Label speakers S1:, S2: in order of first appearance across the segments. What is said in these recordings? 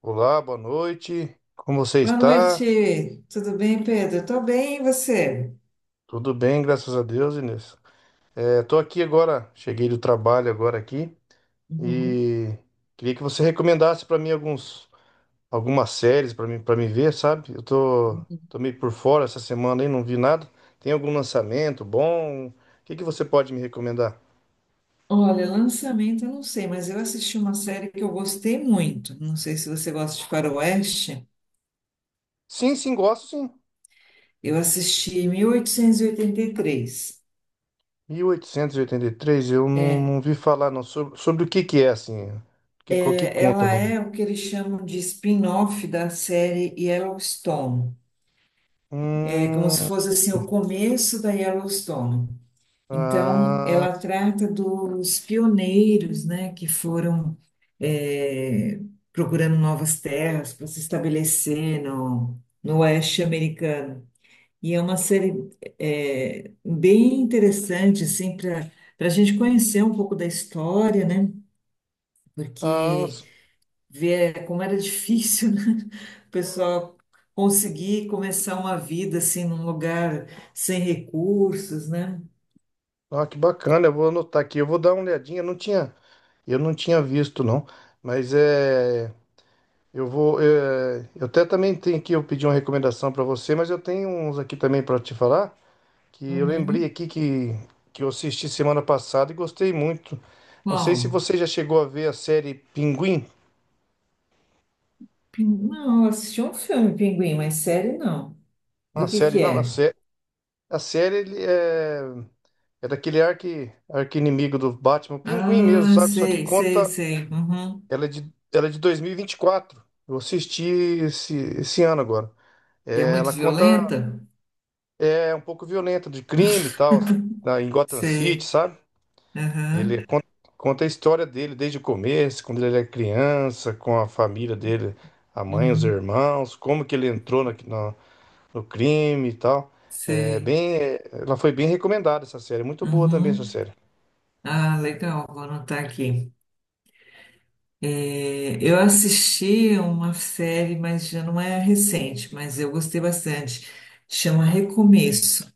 S1: Olá, boa noite. Como você
S2: Boa
S1: está?
S2: noite, tudo bem, Pedro? Eu tô bem, e você?
S1: Tudo bem, graças a Deus, Inês. É, tô aqui agora, cheguei do trabalho agora aqui
S2: Uhum,
S1: e queria que você recomendasse para mim alguns algumas séries para mim para me ver, sabe? Eu tô,
S2: uhum.
S1: tô meio por fora essa semana aí, não vi nada. Tem algum lançamento bom? O que que você pode me recomendar?
S2: Olha, lançamento eu não sei, mas eu assisti uma série que eu gostei muito. Não sei se você gosta de faroeste.
S1: Sim, sim, gosto sim.
S2: Eu assisti 1883.
S1: Mil oitocentos e oitenta e três. Eu não vi falar não sobre o que que é assim. Qual que
S2: É,
S1: conta?
S2: ela
S1: Não?
S2: é o que eles chamam de spin-off da série Yellowstone. É como se
S1: Hum,
S2: fosse assim o começo da Yellowstone. Então,
S1: ah,
S2: ela trata dos pioneiros, né, que foram eh, procurando novas terras para se estabelecer no oeste americano. E é uma série bem interessante, assim, para para a gente conhecer um pouco da história, né?
S1: Ah,
S2: Porque ver como era difícil, né? O pessoal conseguir começar uma vida assim num lugar sem recursos, né?
S1: ah, que bacana, eu vou anotar aqui, eu vou dar uma olhadinha, eu não tinha visto não, mas é, eu vou, é, eu até também tenho aqui, eu pedi uma recomendação para você, mas eu tenho uns aqui também para te falar, que eu lembrei
S2: Uhum.
S1: aqui que eu assisti semana passada e gostei muito, não sei se
S2: Qual?
S1: você já chegou a ver a série Pinguim.
S2: Não, eu assisti um filme, Pinguim, mas série não.
S1: A
S2: Do
S1: série
S2: que
S1: não, a,
S2: é?
S1: sé, A série ele é, é daquele arqui-inimigo do Batman, Pinguim mesmo,
S2: Ah,
S1: sabe, só que
S2: sei, sei,
S1: conta.
S2: sei. Uhum.
S1: Ela é de 2024. Eu assisti esse, esse ano agora.
S2: E é
S1: É,
S2: muito
S1: ela conta.
S2: violenta?
S1: É um pouco violenta de crime e tal, assim, na, em Gotham City,
S2: Sei.
S1: sabe? Ele
S2: Aham.
S1: conta, conta a história dele desde o começo, quando ele era criança, com a família dele, a mãe, os
S2: Uhum.
S1: irmãos, como que ele entrou no crime e tal. É
S2: Sei.
S1: bem, é, ela foi bem recomendada essa série, muito boa também essa
S2: Uhum.
S1: série.
S2: Ah, legal, vou anotar aqui. É, eu assisti uma série, mas já não é recente, mas eu gostei bastante. Chama Recomeço.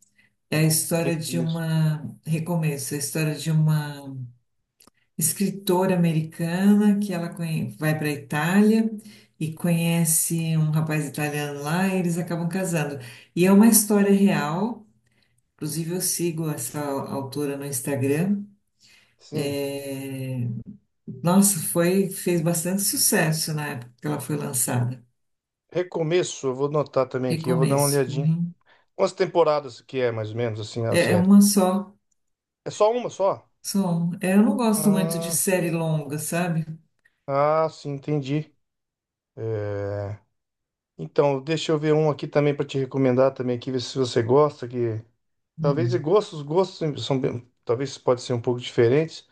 S2: É a história de
S1: Recomeço.
S2: uma. Recomeço, é a história de uma escritora americana que ela vai para a Itália e conhece um rapaz italiano lá e eles acabam casando. E é uma história real, inclusive eu sigo essa autora no Instagram.
S1: Sim.
S2: É, nossa, fez bastante sucesso na época que ela foi lançada.
S1: Recomeço, eu vou notar também aqui, eu vou dar uma
S2: Recomeço.
S1: olhadinha.
S2: Uhum.
S1: Quantas temporadas que é, mais ou menos, assim, a
S2: É, é
S1: série?
S2: uma só.
S1: É só uma só?
S2: Só um. É, eu não gosto muito de
S1: Ah,
S2: série longa, sabe?
S1: ah, sim, entendi. Então, deixa eu ver um aqui também para te recomendar também aqui, ver se você gosta, que talvez e
S2: Hum.
S1: gostos, gostos são bem- talvez pode ser um pouco diferentes,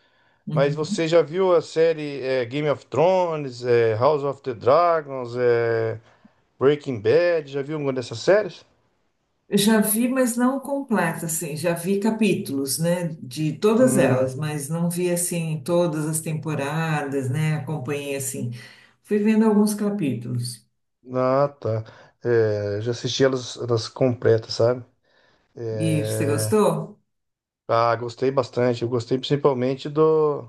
S1: mas
S2: Uhum.
S1: você já viu a série é, Game of Thrones, é, House of the Dragons, é, Breaking Bad, já viu alguma dessas séries?
S2: Já vi, mas não completa, assim. Já vi capítulos, né, de todas
S1: Hum,
S2: elas, mas não vi, assim, todas as temporadas, né? Acompanhei, assim. Fui vendo alguns capítulos.
S1: ah, tá. É, já assisti elas, elas completas, sabe?
S2: E você gostou?
S1: Ah, gostei bastante. Eu gostei principalmente do,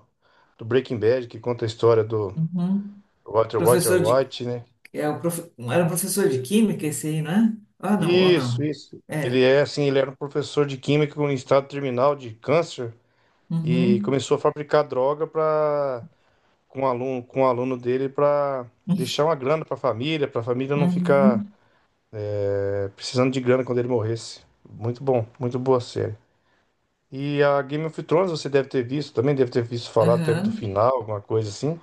S1: do Breaking Bad, que conta a história do
S2: Uhum.
S1: Walter, Walter
S2: Professor de...
S1: White, né?
S2: É o prof... Era um professor de química esse aí, não é? Ah, não, ou
S1: Isso,
S2: não.
S1: isso. Ele
S2: É.
S1: é assim, ele era um professor de química em estado terminal de câncer e
S2: Uhum.
S1: começou a fabricar droga para com um aluno dele para deixar uma grana para a família, não ficar
S2: Uhum.
S1: precisando de grana quando ele morresse. Muito bom, muito boa série. E a Game of Thrones você deve ter visto, também deve ter visto falar, teve do
S2: Aham.
S1: final, alguma coisa assim.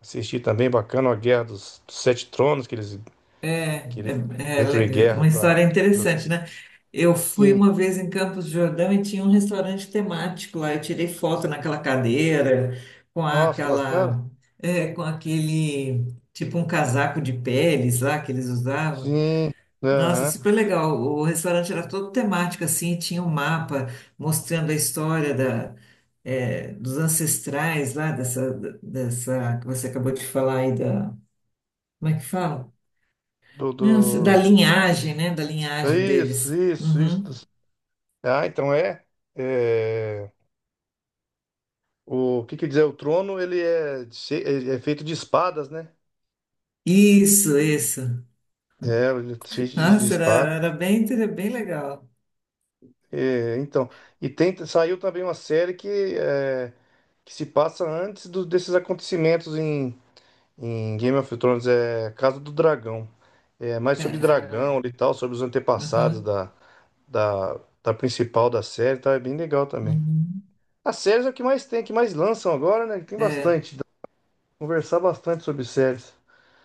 S1: Assisti também, bacana, a Guerra dos Sete Tronos, que eles,
S2: É,
S1: que eles
S2: é, é
S1: entram em
S2: le-
S1: guerra
S2: uma
S1: pra...
S2: história interessante, né? Eu fui
S1: Sim,
S2: uma vez em Campos do Jordão e tinha um restaurante temático lá. Eu tirei foto naquela cadeira, com
S1: nossa, que bacana.
S2: aquela, é, com aquele, tipo um casaco de peles lá que eles usavam.
S1: Sim,
S2: Nossa,
S1: aham.
S2: super legal. O restaurante era todo temático assim, tinha um mapa mostrando a história da, é, dos ancestrais lá dessa, dessa que você acabou de falar aí da, como é que fala?
S1: Do, do...
S2: Não, da linhagem, né? Da linhagem
S1: Isso,
S2: deles.
S1: isso, isso.
S2: Uhum.
S1: Dos. Ah, então é... é, o que quer dizer, o trono, ele é feito de espadas, né?
S2: Isso, isso.
S1: É, ele é cheio de
S2: Nossa, era,
S1: espada.
S2: era bem legal.
S1: É, então, e tem, saiu também uma série que, é, que se passa antes desses acontecimentos em, em Game of Thrones é Casa do Dragão. É mais
S2: Ah,
S1: sobre dragão e
S2: é,
S1: tal, sobre os antepassados
S2: aham,
S1: da, da, da, principal da série, tá? É bem legal também.
S2: uhum,
S1: As séries é o que mais tem, é que mais lançam agora, né? Tem
S2: é,
S1: bastante. Dá pra conversar bastante sobre séries.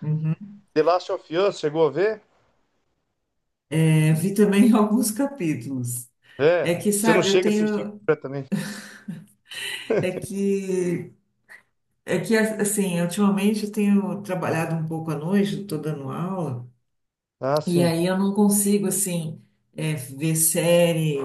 S2: uhum.
S1: The Last of Us, chegou a ver?
S2: É, vi também alguns capítulos.
S1: É.
S2: É que,
S1: Você não
S2: sabe, eu
S1: chega a assistir
S2: tenho.
S1: completamente.
S2: É que, é que assim, ultimamente eu tenho trabalhado um pouco à noite, estou dando aula.
S1: Ah,
S2: E
S1: sim.
S2: aí eu não consigo, assim, é, ver série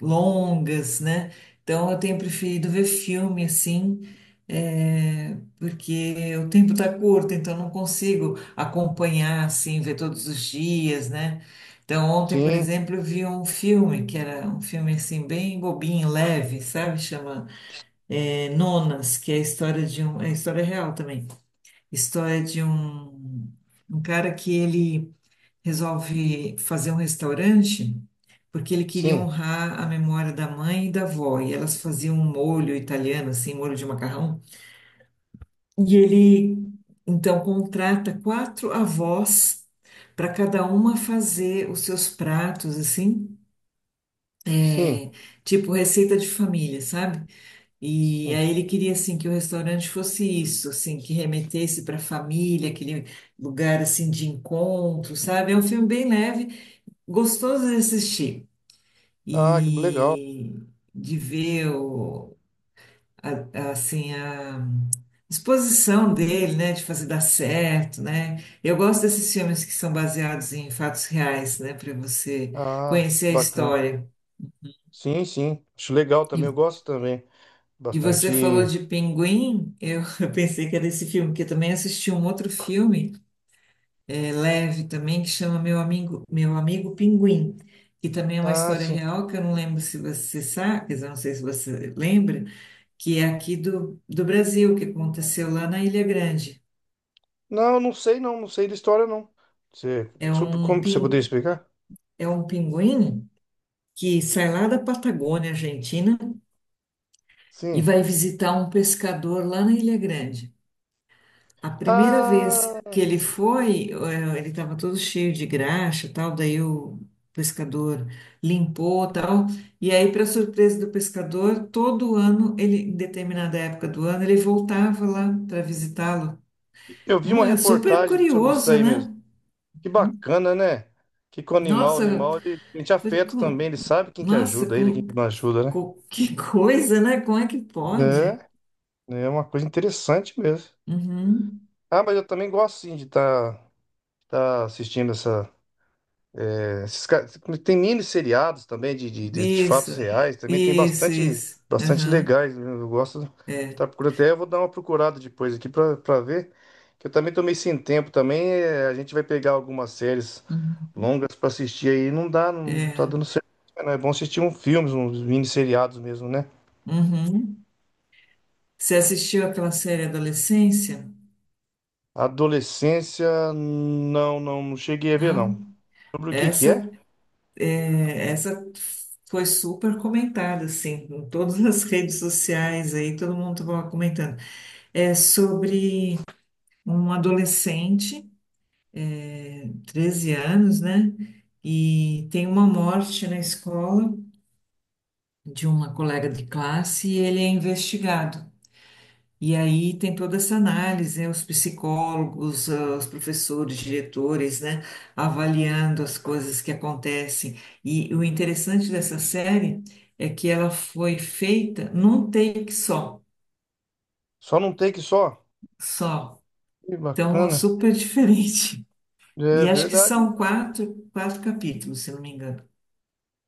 S2: longas, né? Então eu tenho preferido ver filme, assim, é, porque o tempo tá curto, então eu não consigo acompanhar, assim, ver todos os dias, né? Então ontem, por
S1: Sim,
S2: exemplo, eu vi um filme, que era um filme, assim, bem bobinho, leve, sabe? Chama, é, Nonas, que é a história de um... É a história real também. História de um cara que ele resolve fazer um restaurante porque ele queria
S1: sim,
S2: honrar a memória da mãe e da avó. E elas faziam um molho italiano, assim, molho de macarrão. E ele, então, contrata quatro avós para cada uma fazer os seus pratos, assim,
S1: sim,
S2: é, tipo receita de família, sabe? E
S1: sim.
S2: aí ele queria, assim, que o restaurante fosse isso, assim, que remetesse para a família, aquele lugar, assim, de encontro, sabe? É um filme bem leve, gostoso de assistir.
S1: Ah, que legal.
S2: E de ver assim, a disposição dele, né, de fazer dar certo, né? Eu gosto desses filmes que são baseados em fatos reais, né, para você
S1: Ah,
S2: conhecer a
S1: bacana.
S2: história.
S1: Sim, sim. Acho legal
S2: E,
S1: também. Eu gosto também.
S2: e você falou
S1: Bastante.
S2: de Pinguim, eu eu pensei que era esse filme, porque eu também assisti um outro filme, é, leve também, que chama Meu Amigo Pinguim. Que também é uma
S1: Ah,
S2: história
S1: sim.
S2: real, que eu não lembro se você sabe, quer dizer, eu não sei se você lembra, que é aqui do Brasil, que aconteceu lá na Ilha Grande.
S1: Não, não sei não, não sei da história não. Você,
S2: É um,
S1: como você poderia
S2: pin,
S1: explicar?
S2: é um pinguim que sai lá da Patagônia, Argentina, e
S1: Sim.
S2: vai visitar um pescador lá na Ilha Grande. A primeira vez que
S1: Ah,
S2: ele foi, ele estava todo cheio de graxa, e tal, daí o pescador limpou, tal, e aí, para surpresa do pescador, todo ano, ele, em determinada época do ano, ele voltava lá para visitá-lo.
S1: eu vi uma
S2: Super
S1: reportagem sobre isso
S2: curioso,
S1: aí mesmo.
S2: né?
S1: Que bacana, né? Que com o
S2: Nossa,
S1: animal, ele sente
S2: foi
S1: afeto
S2: com...
S1: também, ele sabe quem que ajuda ele, quem que não
S2: Que,
S1: ajuda, né?
S2: co- que coisa, né? Como é que pode?
S1: É, é uma coisa interessante mesmo.
S2: Uhum.
S1: Ah, mas eu também gosto sim de estar assistindo essa. Né, esses caras, tem mini seriados também de
S2: Isso,
S1: fatos reais, também tem
S2: isso,
S1: bastante,
S2: isso.
S1: bastante
S2: Aham,
S1: legais. Né? Eu gosto de
S2: é,
S1: estar procurando. Até eu vou dar uma procurada depois aqui pra ver. Que eu também tô meio sem tempo também. É, a gente vai pegar algumas séries
S2: uhum,
S1: longas pra assistir aí. Não dá, não tá
S2: é.
S1: dando certo. Não é bom assistir um filmes, uns mini seriados mesmo, né?
S2: Uhum. Você assistiu aquela série Adolescência?
S1: Adolescência, não, não, não cheguei a ver,
S2: Não?
S1: não. Sobre o que que é?
S2: Essa, essa foi super comentada, assim, em todas as redes sociais aí, todo mundo estava comentando. É sobre um adolescente. 13 anos, né? E tem uma morte na escola de uma colega de classe e ele é investigado. E aí tem toda essa análise, né? Os psicólogos, ah, os professores, diretores, né? Avaliando as coisas que acontecem. E o interessante dessa série é que ela foi feita num take só,
S1: Só não tem que só?
S2: só.
S1: Que
S2: Então, é
S1: bacana.
S2: super diferente.
S1: É
S2: E acho que
S1: verdade.
S2: são quatro capítulos, se não me engano.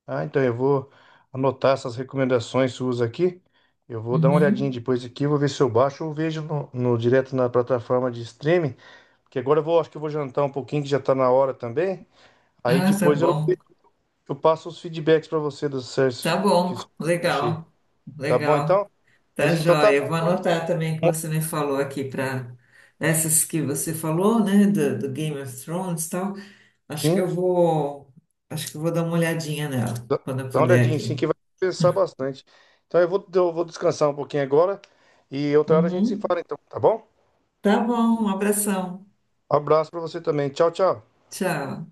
S1: Ah, então eu vou anotar essas recomendações suas aqui. Eu vou dar uma olhadinha
S2: Uhum.
S1: depois aqui, vou ver se eu baixo ou vejo direto na plataforma de streaming. Porque agora eu vou, acho que eu vou jantar um pouquinho, que já tá na hora também. Aí
S2: Ah, tá
S1: depois
S2: bom.
S1: eu passo os feedbacks para você dos
S2: Tá
S1: certos que
S2: bom,
S1: eu achei.
S2: legal,
S1: Tá bom
S2: legal,
S1: então?
S2: tá
S1: Mas então tá
S2: joia.
S1: bom
S2: Vou
S1: então.
S2: anotar também o que você me falou aqui para essas que você falou, né, do Game of Thrones e tal. Acho que eu
S1: Sim,
S2: vou, acho que eu vou dar uma olhadinha nela
S1: dá dá
S2: quando eu
S1: uma
S2: puder
S1: olhadinha sim
S2: aqui.
S1: que vai pensar bastante. Então eu vou descansar um pouquinho agora e outra hora a gente se
S2: Uhum.
S1: fala então, tá bom?
S2: Tá bom, um abração.
S1: Um abraço para você também. Tchau, tchau.
S2: Tchau.